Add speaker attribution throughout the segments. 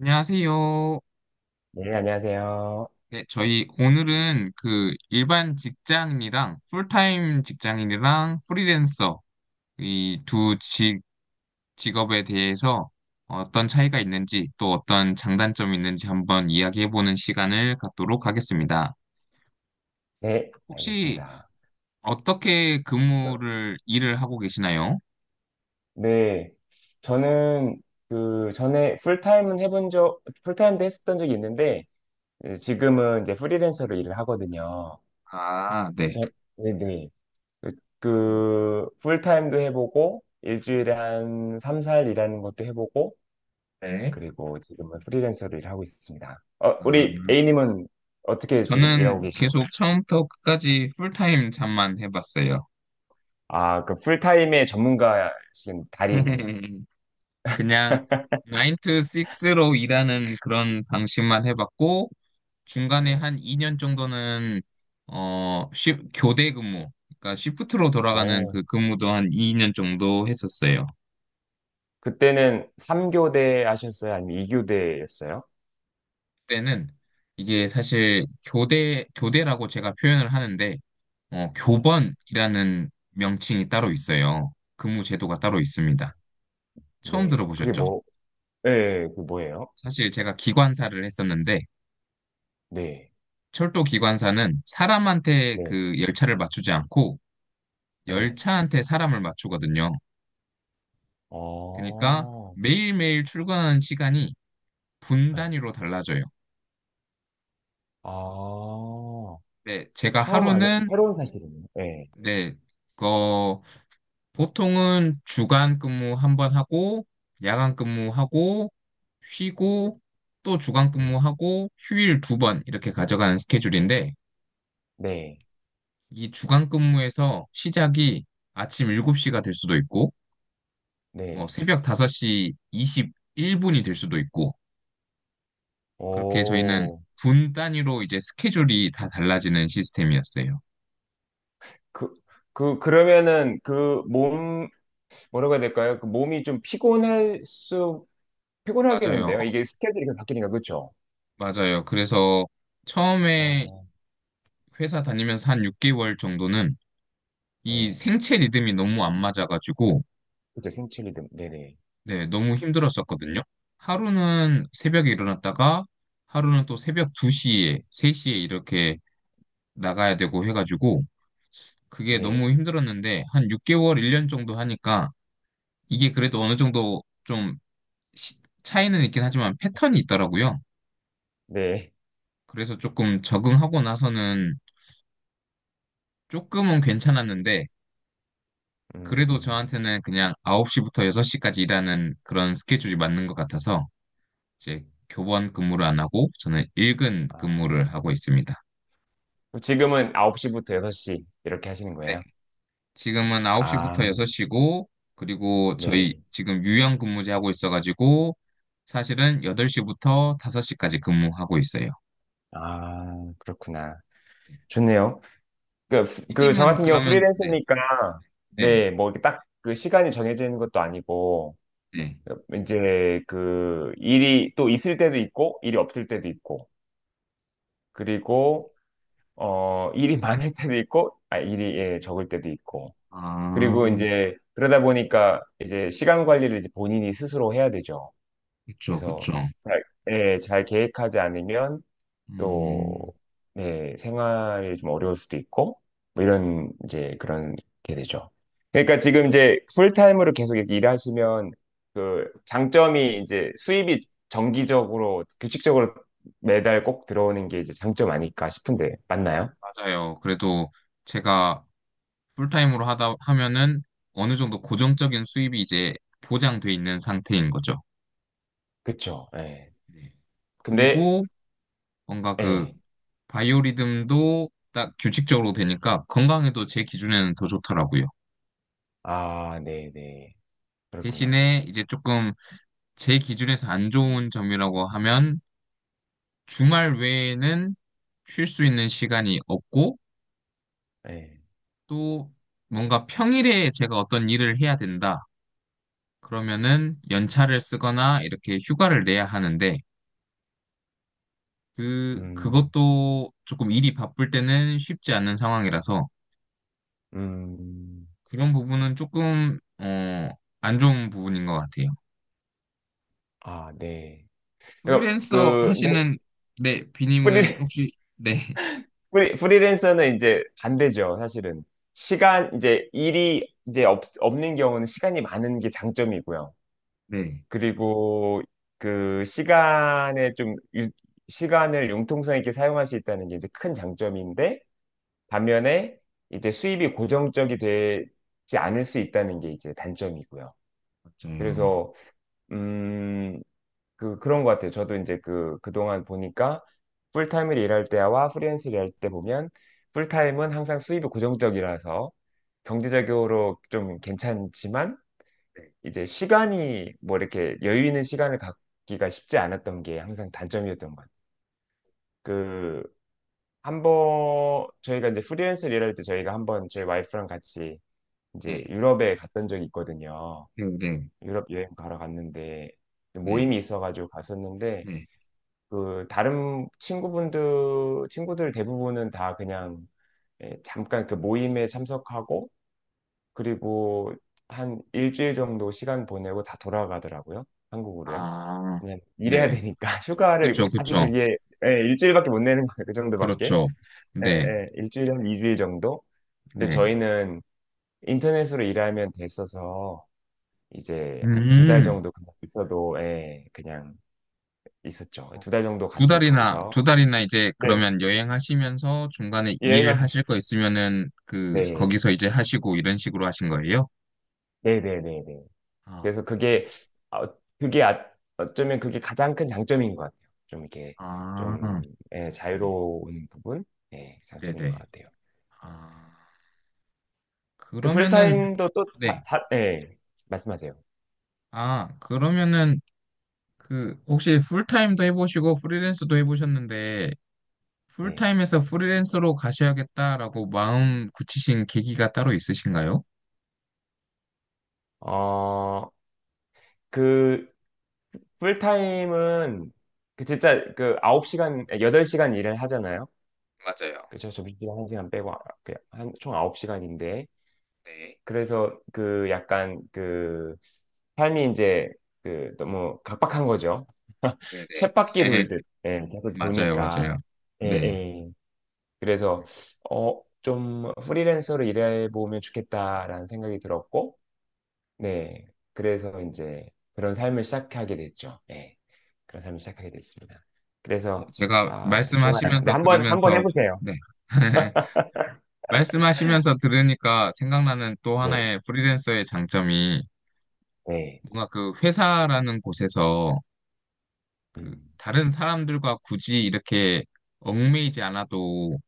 Speaker 1: 안녕하세요.
Speaker 2: 네, 안녕하세요.
Speaker 1: 네, 저희 오늘은 그 일반 직장인이랑 풀타임 직장인이랑 프리랜서 이 두 직업에 대해서 어떤 차이가 있는지 또 어떤 장단점이 있는지 한번 이야기해보는 시간을 갖도록 하겠습니다.
Speaker 2: 네,
Speaker 1: 혹시
Speaker 2: 알겠습니다.
Speaker 1: 어떻게 근무를 일을 하고 계시나요?
Speaker 2: 네, 저는 그 전에 풀타임도 했었던 적이 있는데, 예, 지금은 이제 프리랜서로 일을 하거든요.
Speaker 1: 아, 네.
Speaker 2: 저, 네네. 그, 그 풀타임도 해보고, 일주일에 한 3, 4일 일하는 것도 해보고,
Speaker 1: 네.
Speaker 2: 그리고 지금은 프리랜서로 일하고 있습니다. 어,
Speaker 1: 아,
Speaker 2: 우리 A님은 어떻게 지금 일하고
Speaker 1: 저는
Speaker 2: 가요?
Speaker 1: 계속 처음부터 끝까지 풀타임 잠만 해봤어요.
Speaker 2: 아, 그 풀타임의 전문가신 달인.
Speaker 1: 그냥 9 to 6로 일하는 그런 방식만 해봤고, 중간에
Speaker 2: 네.
Speaker 1: 한 2년 정도는, 교대 근무, 그러니까 시프트로 돌아가는
Speaker 2: 오.
Speaker 1: 그 근무도 한 2년 정도 했었어요.
Speaker 2: 그때는 3교대 하셨어요? 아니면 2교대였어요?
Speaker 1: 그때는 이게 사실 교대라고 제가 표현을 하는데,
Speaker 2: 네.
Speaker 1: 교번이라는 명칭이 따로 있어요. 근무 제도가 따로 있습니다.
Speaker 2: 어,
Speaker 1: 처음
Speaker 2: 네. 그게
Speaker 1: 들어보셨죠?
Speaker 2: 뭐, 네, 그 뭐예요?
Speaker 1: 사실 제가 기관사를 했었는데,
Speaker 2: 네.
Speaker 1: 철도 기관사는 사람한테
Speaker 2: 네.
Speaker 1: 그 열차를 맞추지 않고
Speaker 2: 네.
Speaker 1: 열차한테 사람을 맞추거든요. 그러니까
Speaker 2: 어,
Speaker 1: 매일매일 출근하는 시간이 분
Speaker 2: 네.
Speaker 1: 단위로 달라져요.
Speaker 2: 아,
Speaker 1: 네, 제가 하루는
Speaker 2: 새로운 사실이네요. 네.
Speaker 1: 네, 어, 보통은 주간 근무 한번 하고 야간 근무하고 쉬고 또 주간
Speaker 2: 음,
Speaker 1: 근무하고 휴일 두 번 이렇게 가져가는 스케줄인데
Speaker 2: 네.
Speaker 1: 이 주간 근무에서 시작이 아침 7시가 될 수도 있고 뭐
Speaker 2: 네.
Speaker 1: 새벽 5시 21분이 될 수도 있고 그렇게 저희는
Speaker 2: 오,
Speaker 1: 분 단위로 이제 스케줄이 다 달라지는 시스템이었어요.
Speaker 2: 그, 그러면은 뭐라고 해야 될까요? 그 몸이 좀
Speaker 1: 맞아요.
Speaker 2: 피곤하겠는데요? 이게 스케줄이 계속 바뀌니까, 그쵸?
Speaker 1: 맞아요. 그래서 처음에
Speaker 2: 어,
Speaker 1: 회사 다니면서 한 6개월 정도는 이
Speaker 2: 네.
Speaker 1: 생체 리듬이 너무 안 맞아가지고
Speaker 2: 그쵸, 생체 리듬. 네네.
Speaker 1: 네, 너무 힘들었었거든요. 하루는 새벽에 일어났다가 하루는 또 새벽 2시에, 3시에 이렇게 나가야 되고 해가지고 그게
Speaker 2: 네. 네.
Speaker 1: 너무 힘들었는데 한 6개월, 1년 정도 하니까 이게 그래도 어느 정도 좀 시- 차이는 있긴 하지만 패턴이 있더라고요.
Speaker 2: 네.
Speaker 1: 그래서 조금 적응하고 나서는 조금은 괜찮았는데 그래도
Speaker 2: 음,
Speaker 1: 저한테는 그냥 9시부터 6시까지 일하는 그런 스케줄이 맞는 것 같아서 이제 교번 근무를 안 하고 저는 일근 근무를
Speaker 2: 아,
Speaker 1: 하고 있습니다.
Speaker 2: 그럼 지금은 9시부터 6시 이렇게 하시는
Speaker 1: 네.
Speaker 2: 거예요?
Speaker 1: 지금은
Speaker 2: 아,
Speaker 1: 9시부터 6시고 그리고 저희
Speaker 2: 네.
Speaker 1: 지금 유연 근무제 하고 있어가지고 사실은 8시부터 5시까지 근무하고 있어요.
Speaker 2: 아, 그렇구나. 좋네요. 그, 저
Speaker 1: 삐님은
Speaker 2: 같은 경우
Speaker 1: 그러면 네.
Speaker 2: 프리랜서니까,
Speaker 1: 네,
Speaker 2: 네, 뭐, 딱 그 시간이 정해져 있는 것도 아니고,
Speaker 1: 네.
Speaker 2: 이제 그 일이 또 있을 때도 있고, 일이 없을 때도 있고, 그리고, 일이 많을 때도 있고, 아, 일이, 예, 적을 때도 있고.
Speaker 1: 아,
Speaker 2: 그리고 이제, 그러다 보니까 이제 시간 관리를 이제 본인이 스스로 해야 되죠.
Speaker 1: 그쵸,
Speaker 2: 그래서
Speaker 1: 그쵸.
Speaker 2: 잘, 예, 잘 계획하지 않으면 또,
Speaker 1: 음,
Speaker 2: 네, 생활이 좀 어려울 수도 있고, 뭐 이런, 이제 그런 게 되죠. 그러니까 지금 이제 풀타임으로 계속 이렇게 일하시면 그 장점이 이제 수입이 정기적으로, 규칙적으로 매달 꼭 들어오는 게 이제 장점 아닐까 싶은데, 맞나요?
Speaker 1: 맞아요. 그래도 제가 풀타임으로 하다 하면은 어느 정도 고정적인 수입이 이제 보장돼 있는 상태인 거죠.
Speaker 2: 그쵸, 예.
Speaker 1: 네.
Speaker 2: 근데,
Speaker 1: 그리고 뭔가 그
Speaker 2: 예.
Speaker 1: 바이오리듬도 딱 규칙적으로 되니까 건강에도 제 기준에는 더 좋더라고요.
Speaker 2: 아, 네네. 그렇구나.
Speaker 1: 대신에 이제 조금 제 기준에서 안 좋은 점이라고 하면 주말 외에는 쉴 수 있는 시간이 없고
Speaker 2: 예.
Speaker 1: 또 뭔가 평일에 제가 어떤 일을 해야 된다. 그러면은 연차를 쓰거나 이렇게 휴가를 내야 하는데 그
Speaker 2: 음,
Speaker 1: 그것도 조금 일이 바쁠 때는 쉽지 않은 상황이라서
Speaker 2: 음,
Speaker 1: 그런 부분은 조금 안 좋은 부분인 것 같아요.
Speaker 2: 아, 네. 그러니까
Speaker 1: 프리랜서
Speaker 2: 그 근데
Speaker 1: 하시는 네,
Speaker 2: 프리
Speaker 1: 비님은 혹시 네,
Speaker 2: 프리랜서는 이제 반대죠, 사실은. 시간 이제 일이 이제 없는 경우는 시간이 많은 게 장점이고요.
Speaker 1: 네,
Speaker 2: 그리고 그 시간에 시간을 융통성 있게 사용할 수 있다는 게 이제 큰 장점인데 반면에 이제 수입이 고정적이 되지 않을 수 있다는 게 이제 단점이고요.
Speaker 1: 맞아요.
Speaker 2: 그래서 음, 그런 것 같아요. 저도 이제 그동안 보니까 풀타임을 일할 때와 프리랜서 일할 때 보면 풀타임은 항상 수입이 고정적이라서 경제적으로 좀 괜찮지만 이제 시간이 뭐 이렇게 여유 있는 시간을 갖기가 쉽지 않았던 게 항상 단점이었던 것 같아요. 그, 한 번, 저희가 이제 프리랜서 일할 때 저희가 한번 저희 와이프랑 같이 이제
Speaker 1: 네,
Speaker 2: 유럽에 갔던 적이 있거든요.
Speaker 1: 네, 네,
Speaker 2: 유럽 여행 가러 갔는데
Speaker 1: 네,
Speaker 2: 모임이 있어가지고 갔었는데
Speaker 1: 네.
Speaker 2: 그 다른 친구분들 친구들 대부분은 다 그냥 예, 잠깐 그 모임에 참석하고 그리고 한 일주일 정도 시간 보내고 다 돌아가더라고요. 한국으로요.
Speaker 1: 아,
Speaker 2: 그냥 일해야
Speaker 1: 네.
Speaker 2: 되니까 휴가를
Speaker 1: 그쵸,
Speaker 2: 아주
Speaker 1: 그쵸.
Speaker 2: 길게 예, 일주일밖에 못 내는 거예요. 그 정도밖에.
Speaker 1: 그렇죠.
Speaker 2: 예,
Speaker 1: 네,
Speaker 2: 예, 일주일에 한 2주일 정도. 근데
Speaker 1: 네.
Speaker 2: 저희는 인터넷으로 일하면 됐어서 이제 한 두 달
Speaker 1: 음,
Speaker 2: 정도 그냥 있어도 예, 그냥 있었죠. 두 달 정도
Speaker 1: 두
Speaker 2: 같이
Speaker 1: 달이나,
Speaker 2: 거기서
Speaker 1: 두 달이나 이제
Speaker 2: 네,
Speaker 1: 그러면 여행하시면서 중간에
Speaker 2: 여행을
Speaker 1: 일하실
Speaker 2: 했어요.
Speaker 1: 거 있으면은 그,
Speaker 2: 네.
Speaker 1: 거기서 이제 하시고 이런 식으로 하신 거예요?
Speaker 2: 네네네네.
Speaker 1: 아,
Speaker 2: 그래서 그게, 어, 그게 아, 어쩌면 그게 가장 큰 장점인 것 같아요. 좀 이렇게,
Speaker 1: 아,
Speaker 2: 좀, 예,
Speaker 1: 네,
Speaker 2: 자유로운 부분? 예, 장점인 것
Speaker 1: 네네.
Speaker 2: 같아요.
Speaker 1: 아,
Speaker 2: 그
Speaker 1: 그러면은,
Speaker 2: 풀타임도 또, 다,
Speaker 1: 네.
Speaker 2: 다- 예, 말씀하세요.
Speaker 1: 아, 그러면은 그, 혹시 풀타임도 해보시고 프리랜서도 해보셨는데,
Speaker 2: 네.
Speaker 1: 풀타임에서 프리랜서로 가셔야겠다라고 마음 굳히신 계기가 따로 있으신가요?
Speaker 2: 어, 그, 풀타임은, 그 진짜 그 9시간, 8시간 일을 하잖아요.
Speaker 1: 맞아요.
Speaker 2: 그죠? 점심시간 1시간 빼고, 총 9시간인데,
Speaker 1: 네,
Speaker 2: 그래서 그 약간 그 삶이 이제 그 너무 각박한 거죠.
Speaker 1: 네네.
Speaker 2: 쳇바퀴 돌듯 예, 계속
Speaker 1: 맞아요,
Speaker 2: 도니까
Speaker 1: 맞아요.
Speaker 2: 예,
Speaker 1: 네.
Speaker 2: 예. 그래서 좀 프리랜서로 일해보면 좋겠다라는 생각이 들었고 네 그래서 이제 그런 삶을 시작하게 됐죠. 예, 그런 삶을 시작하게 됐습니다. 그래서
Speaker 1: 제가
Speaker 2: 아 좋아요. 네
Speaker 1: 말씀하시면서
Speaker 2: 한번 한번
Speaker 1: 들으면서,
Speaker 2: 해보세요.
Speaker 1: 네. 말씀하시면서 들으니까 생각나는 또
Speaker 2: 네,
Speaker 1: 하나의 프리랜서의 장점이
Speaker 2: 네,
Speaker 1: 뭔가 그 회사라는 곳에서 그
Speaker 2: 음,
Speaker 1: 다른 사람들과 굳이 이렇게 얽매이지 않아도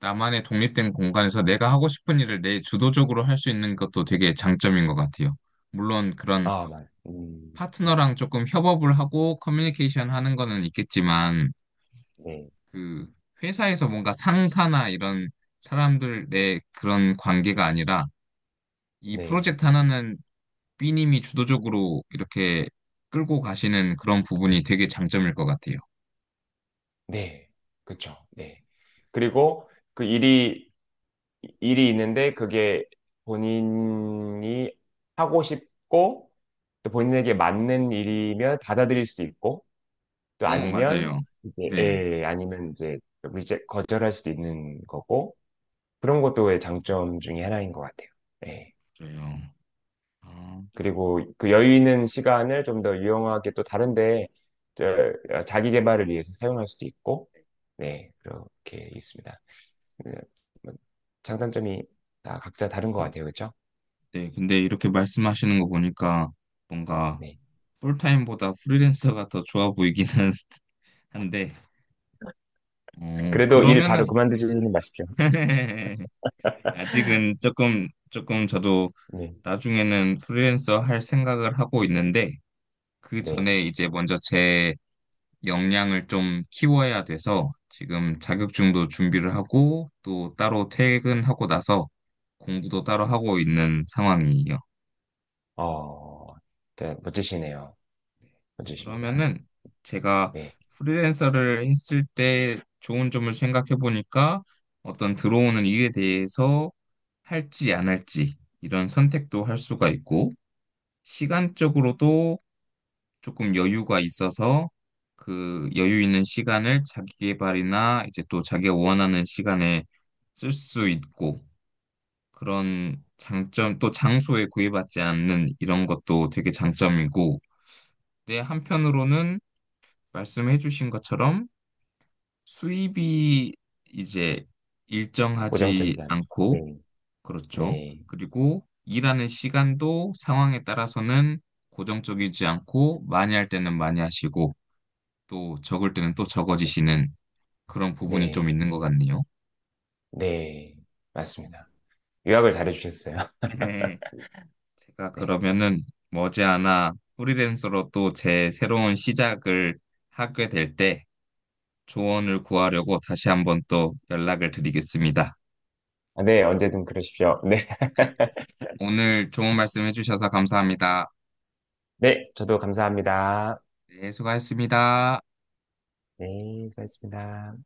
Speaker 1: 나만의 독립된 공간에서 내가 하고 싶은 일을 내 주도적으로 할 수 있는 것도 되게 장점인 것 같아요. 물론 그런
Speaker 2: 아,
Speaker 1: 파트너랑 조금 협업을 하고 커뮤니케이션 하는 거는 있겠지만
Speaker 2: 네,
Speaker 1: 그 회사에서 뭔가 상사나 이런 사람들의 그런 관계가 아니라 이
Speaker 2: 네.
Speaker 1: 프로젝트 하나는 B님이 주도적으로 이렇게 끌고 가시는 그런 부분이 되게 장점일 것 같아요.
Speaker 2: 네, 그렇죠. 네. 그리고 그 일이 있는데 그게 본인이 하고 싶고 또 본인에게 맞는 일이면 받아들일 수도 있고 또
Speaker 1: 어,
Speaker 2: 아니면
Speaker 1: 맞아요.
Speaker 2: 이제
Speaker 1: 네,
Speaker 2: 예, 아니면 이제 리제 거절할 수도 있는 거고 그런 것도 장점 중에 하나인 것 같아요. 예.
Speaker 1: 맞아요. 아,
Speaker 2: 그리고 그 여유 있는 시간을 좀 더 유용하게 또 다른데 자기 개발을 위해서 사용할 수도 있고 네, 그렇게 있습니다. 그, 뭐, 장단점이 다 각자 다른 것 같아요. 그렇죠?
Speaker 1: 네, 근데 이렇게 말씀하시는 거 보니까 뭔가
Speaker 2: 네.
Speaker 1: 풀타임보다 프리랜서가 더 좋아 보이기는 한데,
Speaker 2: 그래도 일
Speaker 1: 그러면은,
Speaker 2: 바로 그만두지는 마십시오.
Speaker 1: 아직은 조금 저도
Speaker 2: 네.
Speaker 1: 나중에는 프리랜서 할 생각을 하고 있는데, 그
Speaker 2: 네.
Speaker 1: 전에 이제 먼저 제 역량을 좀 키워야 돼서 지금 자격증도 준비를 하고 또 따로 퇴근하고 나서 공부도 따로 하고 있는 상황이에요.
Speaker 2: 어, 진짜 멋지시네요. 멋지십니다.
Speaker 1: 그러면은 제가
Speaker 2: 네.
Speaker 1: 프리랜서를 했을 때 좋은 점을 생각해 보니까 어떤 들어오는 일에 대해서 할지 안 할지 이런 선택도 할 수가 있고, 시간적으로도 조금 여유가 있어서 그 여유 있는 시간을 자기 개발이나 이제 또 자기가 원하는 시간에 쓸 수 있고 그런 장점 또 장소에 구애받지 않는 이런 것도 되게 장점이고 근데 한편으로는 말씀해 주신 것처럼 수입이 이제 일정하지
Speaker 2: 고정적이다는.
Speaker 1: 않고
Speaker 2: 네.
Speaker 1: 그렇죠.
Speaker 2: 네.
Speaker 1: 그리고 일하는 시간도 상황에 따라서는 고정적이지 않고 많이 할 때는 많이 하시고 또 적을 때는 또 적어지시는 그런 부분이 좀
Speaker 2: 네.
Speaker 1: 있는 것 같네요.
Speaker 2: 네.
Speaker 1: 음.
Speaker 2: 맞습니다. 요약을 잘해주셨어요.
Speaker 1: 네. 제가
Speaker 2: 네.
Speaker 1: 그러면은 머지않아 프리랜서로 또 제 새로운 시작을 하게 될 때 조언을 구하려고 다시 한번 또 연락을 드리겠습니다.
Speaker 2: 아, 네. 언제든 그러십시오. 네.
Speaker 1: 네. 오늘 좋은 말씀 해주셔서 감사합니다.
Speaker 2: 네. 저도 감사합니다.
Speaker 1: 네, 수고하셨습니다.
Speaker 2: 네. 수고하셨습니다.